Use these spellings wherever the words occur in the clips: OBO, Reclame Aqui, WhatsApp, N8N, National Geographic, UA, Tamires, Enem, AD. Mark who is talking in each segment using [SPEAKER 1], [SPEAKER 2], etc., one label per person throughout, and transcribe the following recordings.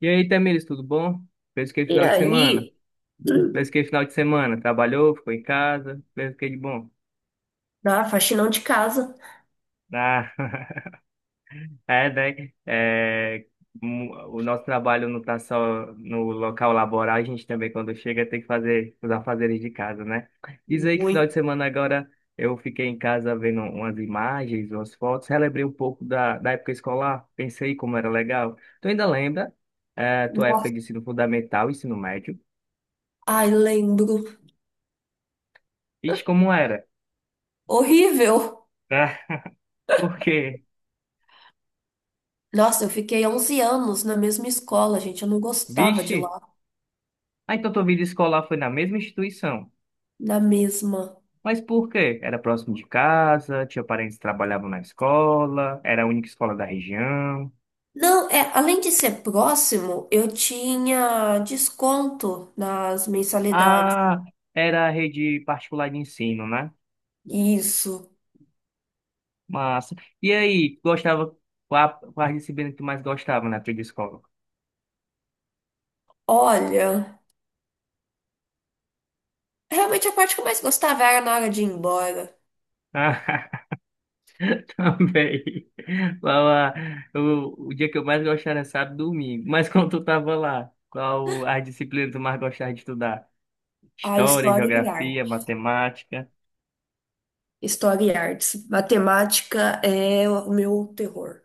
[SPEAKER 1] E aí, Tamires, tudo bom? Fez o que
[SPEAKER 2] E
[SPEAKER 1] final de semana?
[SPEAKER 2] aí,
[SPEAKER 1] Fez o que final de semana? Trabalhou, ficou em casa? Fez o que de bom?
[SPEAKER 2] na faxinão de casa.
[SPEAKER 1] Ah, é, né? É, o nosso trabalho não está só no local laboral, a gente também, quando chega, tem que fazer os afazeres de casa, né? Diz aí que final de semana agora eu fiquei em casa vendo umas imagens, umas fotos, relembrei um pouco da época escolar, pensei como era legal. Tu ainda lembra, é, tua época
[SPEAKER 2] Nossa,
[SPEAKER 1] de ensino fundamental, ensino médio?
[SPEAKER 2] ai, lembro.
[SPEAKER 1] Ixi, como era?
[SPEAKER 2] Horrível.
[SPEAKER 1] Por quê?
[SPEAKER 2] Nossa, eu fiquei 11 anos na mesma escola, gente. Eu não gostava de
[SPEAKER 1] Vixe!
[SPEAKER 2] lá.
[SPEAKER 1] Ah, então tua vida escolar foi na mesma instituição.
[SPEAKER 2] Na mesma.
[SPEAKER 1] Mas por quê? Era próximo de casa, tinha parentes que trabalhavam na escola, era a única escola da região.
[SPEAKER 2] Não, é, além de ser próximo, eu tinha desconto nas mensalidades.
[SPEAKER 1] Ah, era a rede particular de ensino, né?
[SPEAKER 2] Isso.
[SPEAKER 1] Massa. E aí, gostava, qual a disciplina que tu mais gostava na naquela escola?
[SPEAKER 2] Olha, realmente a parte que eu mais gostava era na hora de ir embora.
[SPEAKER 1] Ah, também. Lá, lá, o dia que eu mais gostava era sábado e domingo. Mas quando tu tava lá, qual a disciplina que tu mais gostava de estudar?
[SPEAKER 2] A
[SPEAKER 1] História,
[SPEAKER 2] história e
[SPEAKER 1] geografia,
[SPEAKER 2] arte.
[SPEAKER 1] matemática.
[SPEAKER 2] História e artes. Matemática é o meu terror.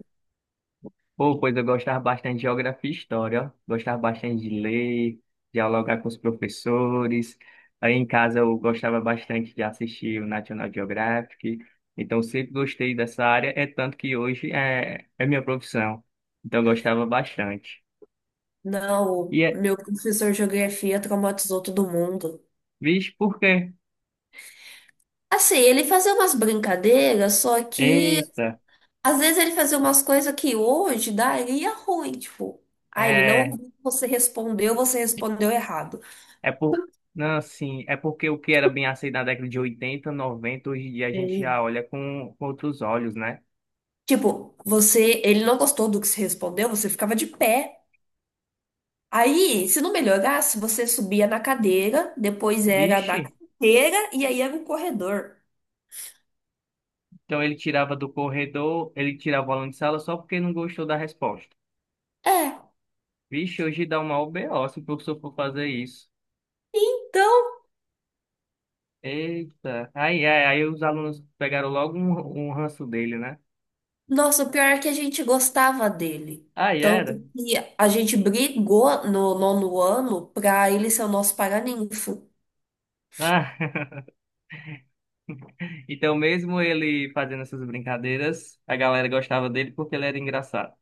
[SPEAKER 1] Pô, pois eu gostava bastante de geografia e história, ó. Gostava bastante de ler, dialogar com os professores. Aí em casa eu gostava bastante de assistir o National Geographic. Então sempre gostei dessa área, é tanto que hoje é minha profissão. Então eu gostava bastante.
[SPEAKER 2] Não,
[SPEAKER 1] E é,
[SPEAKER 2] meu professor de geografia traumatizou todo mundo.
[SPEAKER 1] vixe, por quê?
[SPEAKER 2] Assim, ele fazia umas brincadeiras, só que
[SPEAKER 1] Eita,
[SPEAKER 2] às vezes ele fazia umas coisas que hoje daria ruim, tipo, ah, ele não,
[SPEAKER 1] é,
[SPEAKER 2] você respondeu errado.
[SPEAKER 1] é por. Não, assim, é porque o que era bem aceito na década de 80, 90 hoje em dia a gente já
[SPEAKER 2] É.
[SPEAKER 1] olha com outros olhos, né?
[SPEAKER 2] Tipo, você, ele não gostou do que você respondeu, você ficava de pé. Aí, se não melhorasse, você subia na cadeira, depois era
[SPEAKER 1] Vixe,
[SPEAKER 2] da cadeira e aí era o corredor.
[SPEAKER 1] então ele tirava do corredor, ele tirava o aluno de sala só porque não gostou da resposta.
[SPEAKER 2] É.
[SPEAKER 1] Vixe, hoje dá uma OBO se o professor for fazer isso.
[SPEAKER 2] Então,
[SPEAKER 1] Eita, aí os alunos pegaram logo um ranço dele, né?
[SPEAKER 2] nossa, o pior é que a gente gostava dele.
[SPEAKER 1] Aí
[SPEAKER 2] Tanto
[SPEAKER 1] era.
[SPEAKER 2] que a gente brigou no nono ano pra ele ser o nosso paraninfo.
[SPEAKER 1] Ah, Então, mesmo ele fazendo essas brincadeiras, a galera gostava dele porque ele era engraçado.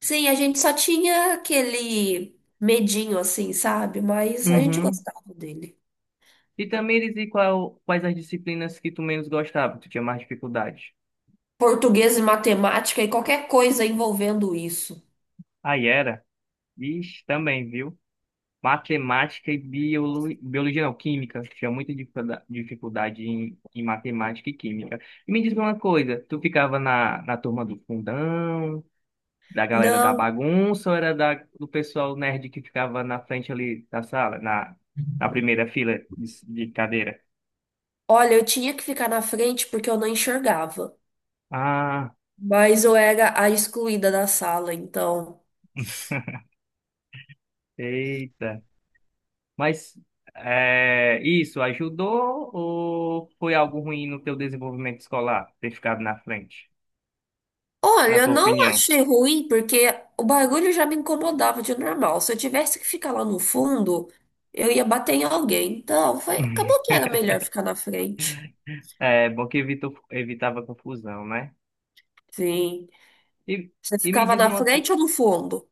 [SPEAKER 2] Sim, a gente só tinha aquele medinho assim, sabe? Mas a gente
[SPEAKER 1] Uhum.
[SPEAKER 2] gostava dele.
[SPEAKER 1] E também eles qual, quais as disciplinas que tu menos gostava, que tu tinha mais dificuldade?
[SPEAKER 2] Português e matemática e qualquer coisa envolvendo isso.
[SPEAKER 1] Aí era. Vixe, também, viu? Matemática e biologia, não, química. Tinha muita dificuldade em matemática e química. E me diz uma coisa, tu ficava na turma do fundão, da galera da
[SPEAKER 2] Não,
[SPEAKER 1] bagunça, ou era do pessoal nerd que ficava na frente ali da sala, na primeira fila de cadeira?
[SPEAKER 2] olha, eu tinha que ficar na frente porque eu não enxergava.
[SPEAKER 1] Ah,
[SPEAKER 2] Mas eu era a excluída da sala, então.
[SPEAKER 1] eita. Mas é, isso ajudou ou foi algo ruim no teu desenvolvimento escolar, ter ficado na frente, na
[SPEAKER 2] Olha, eu
[SPEAKER 1] tua
[SPEAKER 2] não
[SPEAKER 1] opinião?
[SPEAKER 2] achei ruim porque o barulho já me incomodava de normal. Se eu tivesse que ficar lá no fundo, eu ia bater em alguém. Então, foi, acabou que era melhor ficar na frente.
[SPEAKER 1] É bom que evitou, evitava confusão, né?
[SPEAKER 2] Sim.
[SPEAKER 1] E,
[SPEAKER 2] Você
[SPEAKER 1] e me
[SPEAKER 2] ficava
[SPEAKER 1] diz
[SPEAKER 2] na
[SPEAKER 1] uma coisa,
[SPEAKER 2] frente ou no fundo?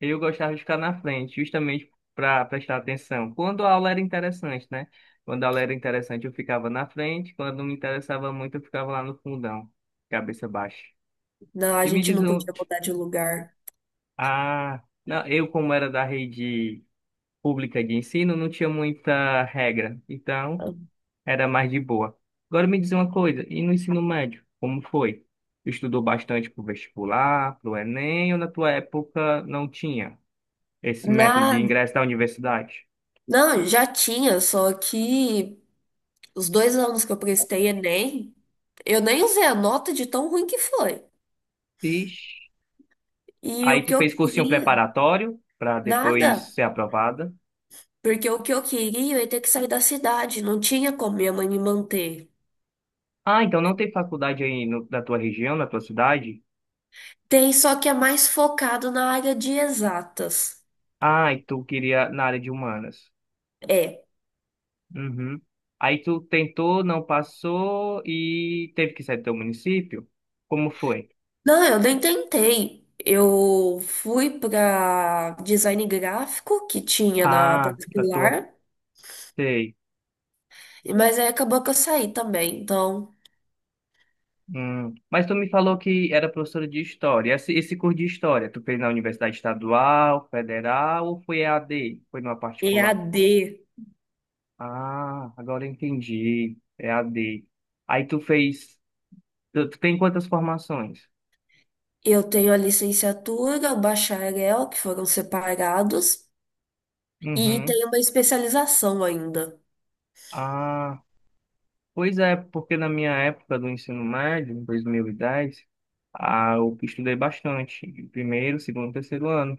[SPEAKER 1] eu gostava de ficar na frente, justamente para prestar atenção. Quando a aula era interessante, né? Quando a aula era interessante, eu ficava na frente, quando não me interessava muito, eu ficava lá no fundão, cabeça baixa.
[SPEAKER 2] Não, a
[SPEAKER 1] E me
[SPEAKER 2] gente
[SPEAKER 1] diz
[SPEAKER 2] não
[SPEAKER 1] um,
[SPEAKER 2] podia mudar de lugar.
[SPEAKER 1] ah, não, eu como era da rede pública de ensino, não tinha muita regra. Então, era mais de boa. Agora me diz uma coisa, e no ensino médio, como foi? Tu estudou bastante pro vestibular, pro Enem, ou na tua época não tinha esse método de
[SPEAKER 2] Nada.
[SPEAKER 1] ingresso da universidade?
[SPEAKER 2] Não, já tinha, só que os 2 anos que eu prestei Enem, eu nem usei a nota de tão ruim que foi.
[SPEAKER 1] Ixi.
[SPEAKER 2] E o
[SPEAKER 1] Aí tu
[SPEAKER 2] que eu
[SPEAKER 1] fez cursinho
[SPEAKER 2] queria,
[SPEAKER 1] preparatório para depois
[SPEAKER 2] nada.
[SPEAKER 1] ser aprovada.
[SPEAKER 2] Porque o que eu queria é ter que sair da cidade, não tinha como minha mãe me manter.
[SPEAKER 1] Ah, então não tem faculdade aí na tua região, na tua cidade?
[SPEAKER 2] Tem, só que é mais focado na área de exatas.
[SPEAKER 1] Ah, e tu queria na área de humanas.
[SPEAKER 2] É.
[SPEAKER 1] Uhum. Aí tu tentou, não passou e teve que sair do teu município? Como foi?
[SPEAKER 2] Não, eu nem tentei. Eu fui para design gráfico que tinha na
[SPEAKER 1] Ah, da tua.
[SPEAKER 2] particular,
[SPEAKER 1] Sei.
[SPEAKER 2] mas aí acabou que eu saí também. Então,
[SPEAKER 1] Hum. Mas tu me falou que era professora de história. Esse curso de história, tu fez na Universidade Estadual, Federal ou foi E a d, foi numa particular?
[SPEAKER 2] EAD,
[SPEAKER 1] Ah, agora eu entendi. É A d. Aí tu fez. Tu tem quantas formações?
[SPEAKER 2] eu tenho a licenciatura, o bacharel, que foram separados, e
[SPEAKER 1] Uhum.
[SPEAKER 2] tenho uma especialização ainda.
[SPEAKER 1] Ah, pois é, porque na minha época do ensino médio, em 2010, eu estudei bastante. Primeiro, segundo, terceiro ano.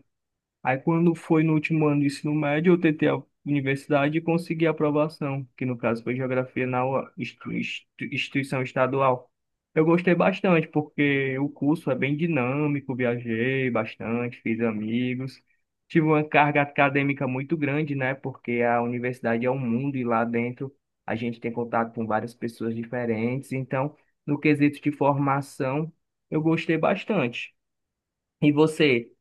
[SPEAKER 1] Aí quando foi no último ano do ensino médio, eu tentei a universidade e consegui a aprovação, que no caso foi geografia na UA, instituição estadual. Eu gostei bastante, porque o curso é bem dinâmico, viajei bastante, fiz amigos. Tive uma carga acadêmica muito grande, né? Porque a universidade é um mundo e lá dentro a gente tem contato com várias pessoas diferentes. Então, no quesito de formação, eu gostei bastante. E você?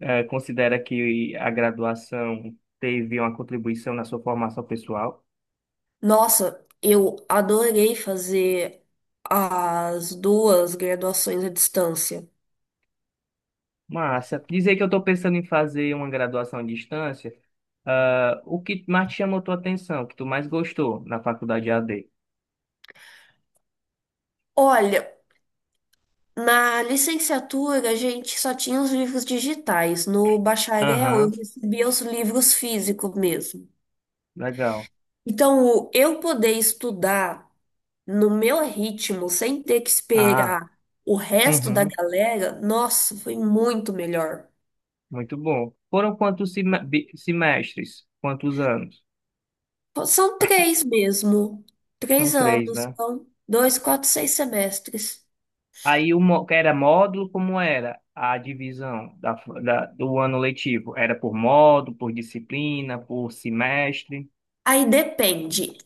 [SPEAKER 1] Considera que a graduação teve uma contribuição na sua formação pessoal?
[SPEAKER 2] Nossa, eu adorei fazer as duas graduações à distância.
[SPEAKER 1] Massa. Dizer que eu estou pensando em fazer uma graduação à distância, ah, o que mais te chamou tua atenção, o que tu mais gostou na faculdade AD?
[SPEAKER 2] Olha, na licenciatura a gente só tinha os livros digitais, no bacharel eu
[SPEAKER 1] Aham,
[SPEAKER 2] recebia os livros físicos mesmo.
[SPEAKER 1] legal.
[SPEAKER 2] Então, o- eu poder estudar no meu ritmo, sem ter que
[SPEAKER 1] Ah,
[SPEAKER 2] esperar o resto da
[SPEAKER 1] uhum,
[SPEAKER 2] galera, nossa, foi muito melhor.
[SPEAKER 1] muito bom. Foram quantos semestres? Quantos anos?
[SPEAKER 2] São três mesmo,
[SPEAKER 1] São
[SPEAKER 2] três
[SPEAKER 1] três,
[SPEAKER 2] anos,
[SPEAKER 1] né?
[SPEAKER 2] então, dois, quatro, 6 semestres.
[SPEAKER 1] Aí o que era módulo, como era a divisão do ano letivo? Era por módulo, por disciplina, por semestre.
[SPEAKER 2] Aí depende.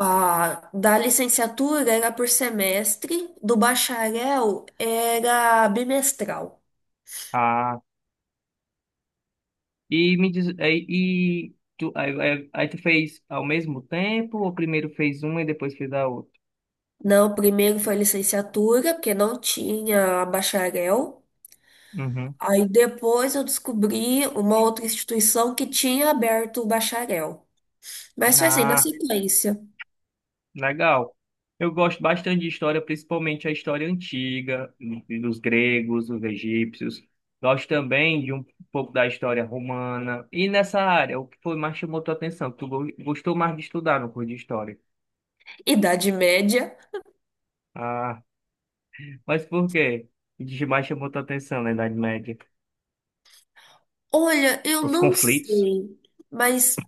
[SPEAKER 2] Ah, da licenciatura era por semestre, do bacharel era bimestral.
[SPEAKER 1] Ah, e me diz, e tu, aí tu fez ao mesmo tempo, ou primeiro fez uma e depois fez a outra?
[SPEAKER 2] Não, primeiro foi licenciatura, porque não tinha bacharel.
[SPEAKER 1] Uhum.
[SPEAKER 2] Aí depois eu descobri uma outra instituição que tinha aberto o bacharel. Mas foi assim, na sequência.
[SPEAKER 1] Legal. Eu gosto bastante de história, principalmente a história antiga, dos gregos, dos egípcios. Gosto também de um pouco da história romana. E nessa área, o que foi mais chamou tua atenção? Tu gostou mais de estudar no curso de história?
[SPEAKER 2] Idade média.
[SPEAKER 1] Ah, mas por quê? O que mais chamou tua atenção na Idade Média?
[SPEAKER 2] Olha, eu
[SPEAKER 1] Os
[SPEAKER 2] não
[SPEAKER 1] conflitos.
[SPEAKER 2] sei, mas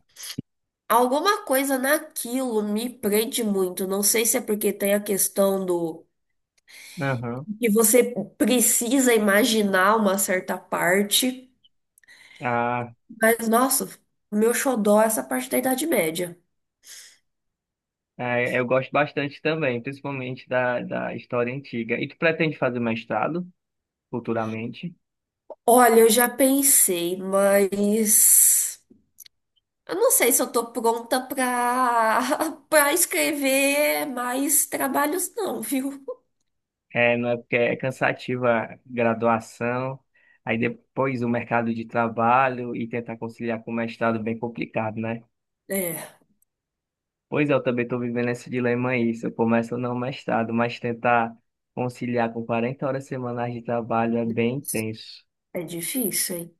[SPEAKER 2] alguma coisa naquilo me prende muito. Não sei se é porque tem a questão do
[SPEAKER 1] Aham.
[SPEAKER 2] e você precisa imaginar uma certa parte,
[SPEAKER 1] Ah,
[SPEAKER 2] mas nossa, o meu xodó é essa parte da Idade Média.
[SPEAKER 1] é, eu gosto bastante também, principalmente da história antiga. E tu pretende fazer mestrado futuramente?
[SPEAKER 2] Olha, eu já pensei, mas eu não sei se eu tô pronta pra para escrever mais trabalhos não, viu?
[SPEAKER 1] É, não é porque é cansativa a graduação, aí depois o mercado de trabalho e tentar conciliar com o mestrado é bem complicado, né?
[SPEAKER 2] É,
[SPEAKER 1] Pois é, eu também estou vivendo esse dilema aí, se eu começo ou não o mestrado, mas tentar conciliar com 40 horas semanais de trabalho é bem intenso.
[SPEAKER 2] é difícil, hein?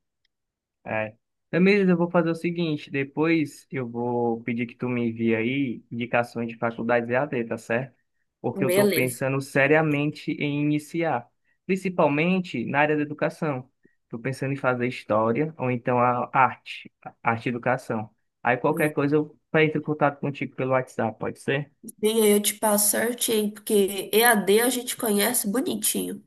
[SPEAKER 1] É. Tamires, eu vou fazer o seguinte, depois eu vou pedir que tu me envie aí indicações de faculdades e EAD, tá certo? Porque eu estou
[SPEAKER 2] Beleza.
[SPEAKER 1] pensando seriamente em iniciar, principalmente na área da educação. Estou pensando em fazer história ou então a arte, arte e educação. Aí qualquer
[SPEAKER 2] Hum.
[SPEAKER 1] coisa eu entro em contato contigo pelo WhatsApp, pode ser?
[SPEAKER 2] Sim, aí eu te passo certinho, porque EAD a D a gente conhece bonitinho.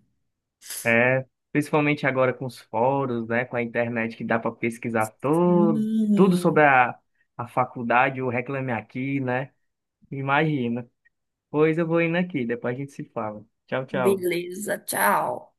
[SPEAKER 1] É, principalmente agora com os fóruns, né, com a internet que dá para pesquisar todo, tudo sobre
[SPEAKER 2] Hum,
[SPEAKER 1] a faculdade, o Reclame Aqui, né? Imagina. Pois eu vou indo aqui, depois a gente se fala. Tchau, tchau.
[SPEAKER 2] beleza, tchau.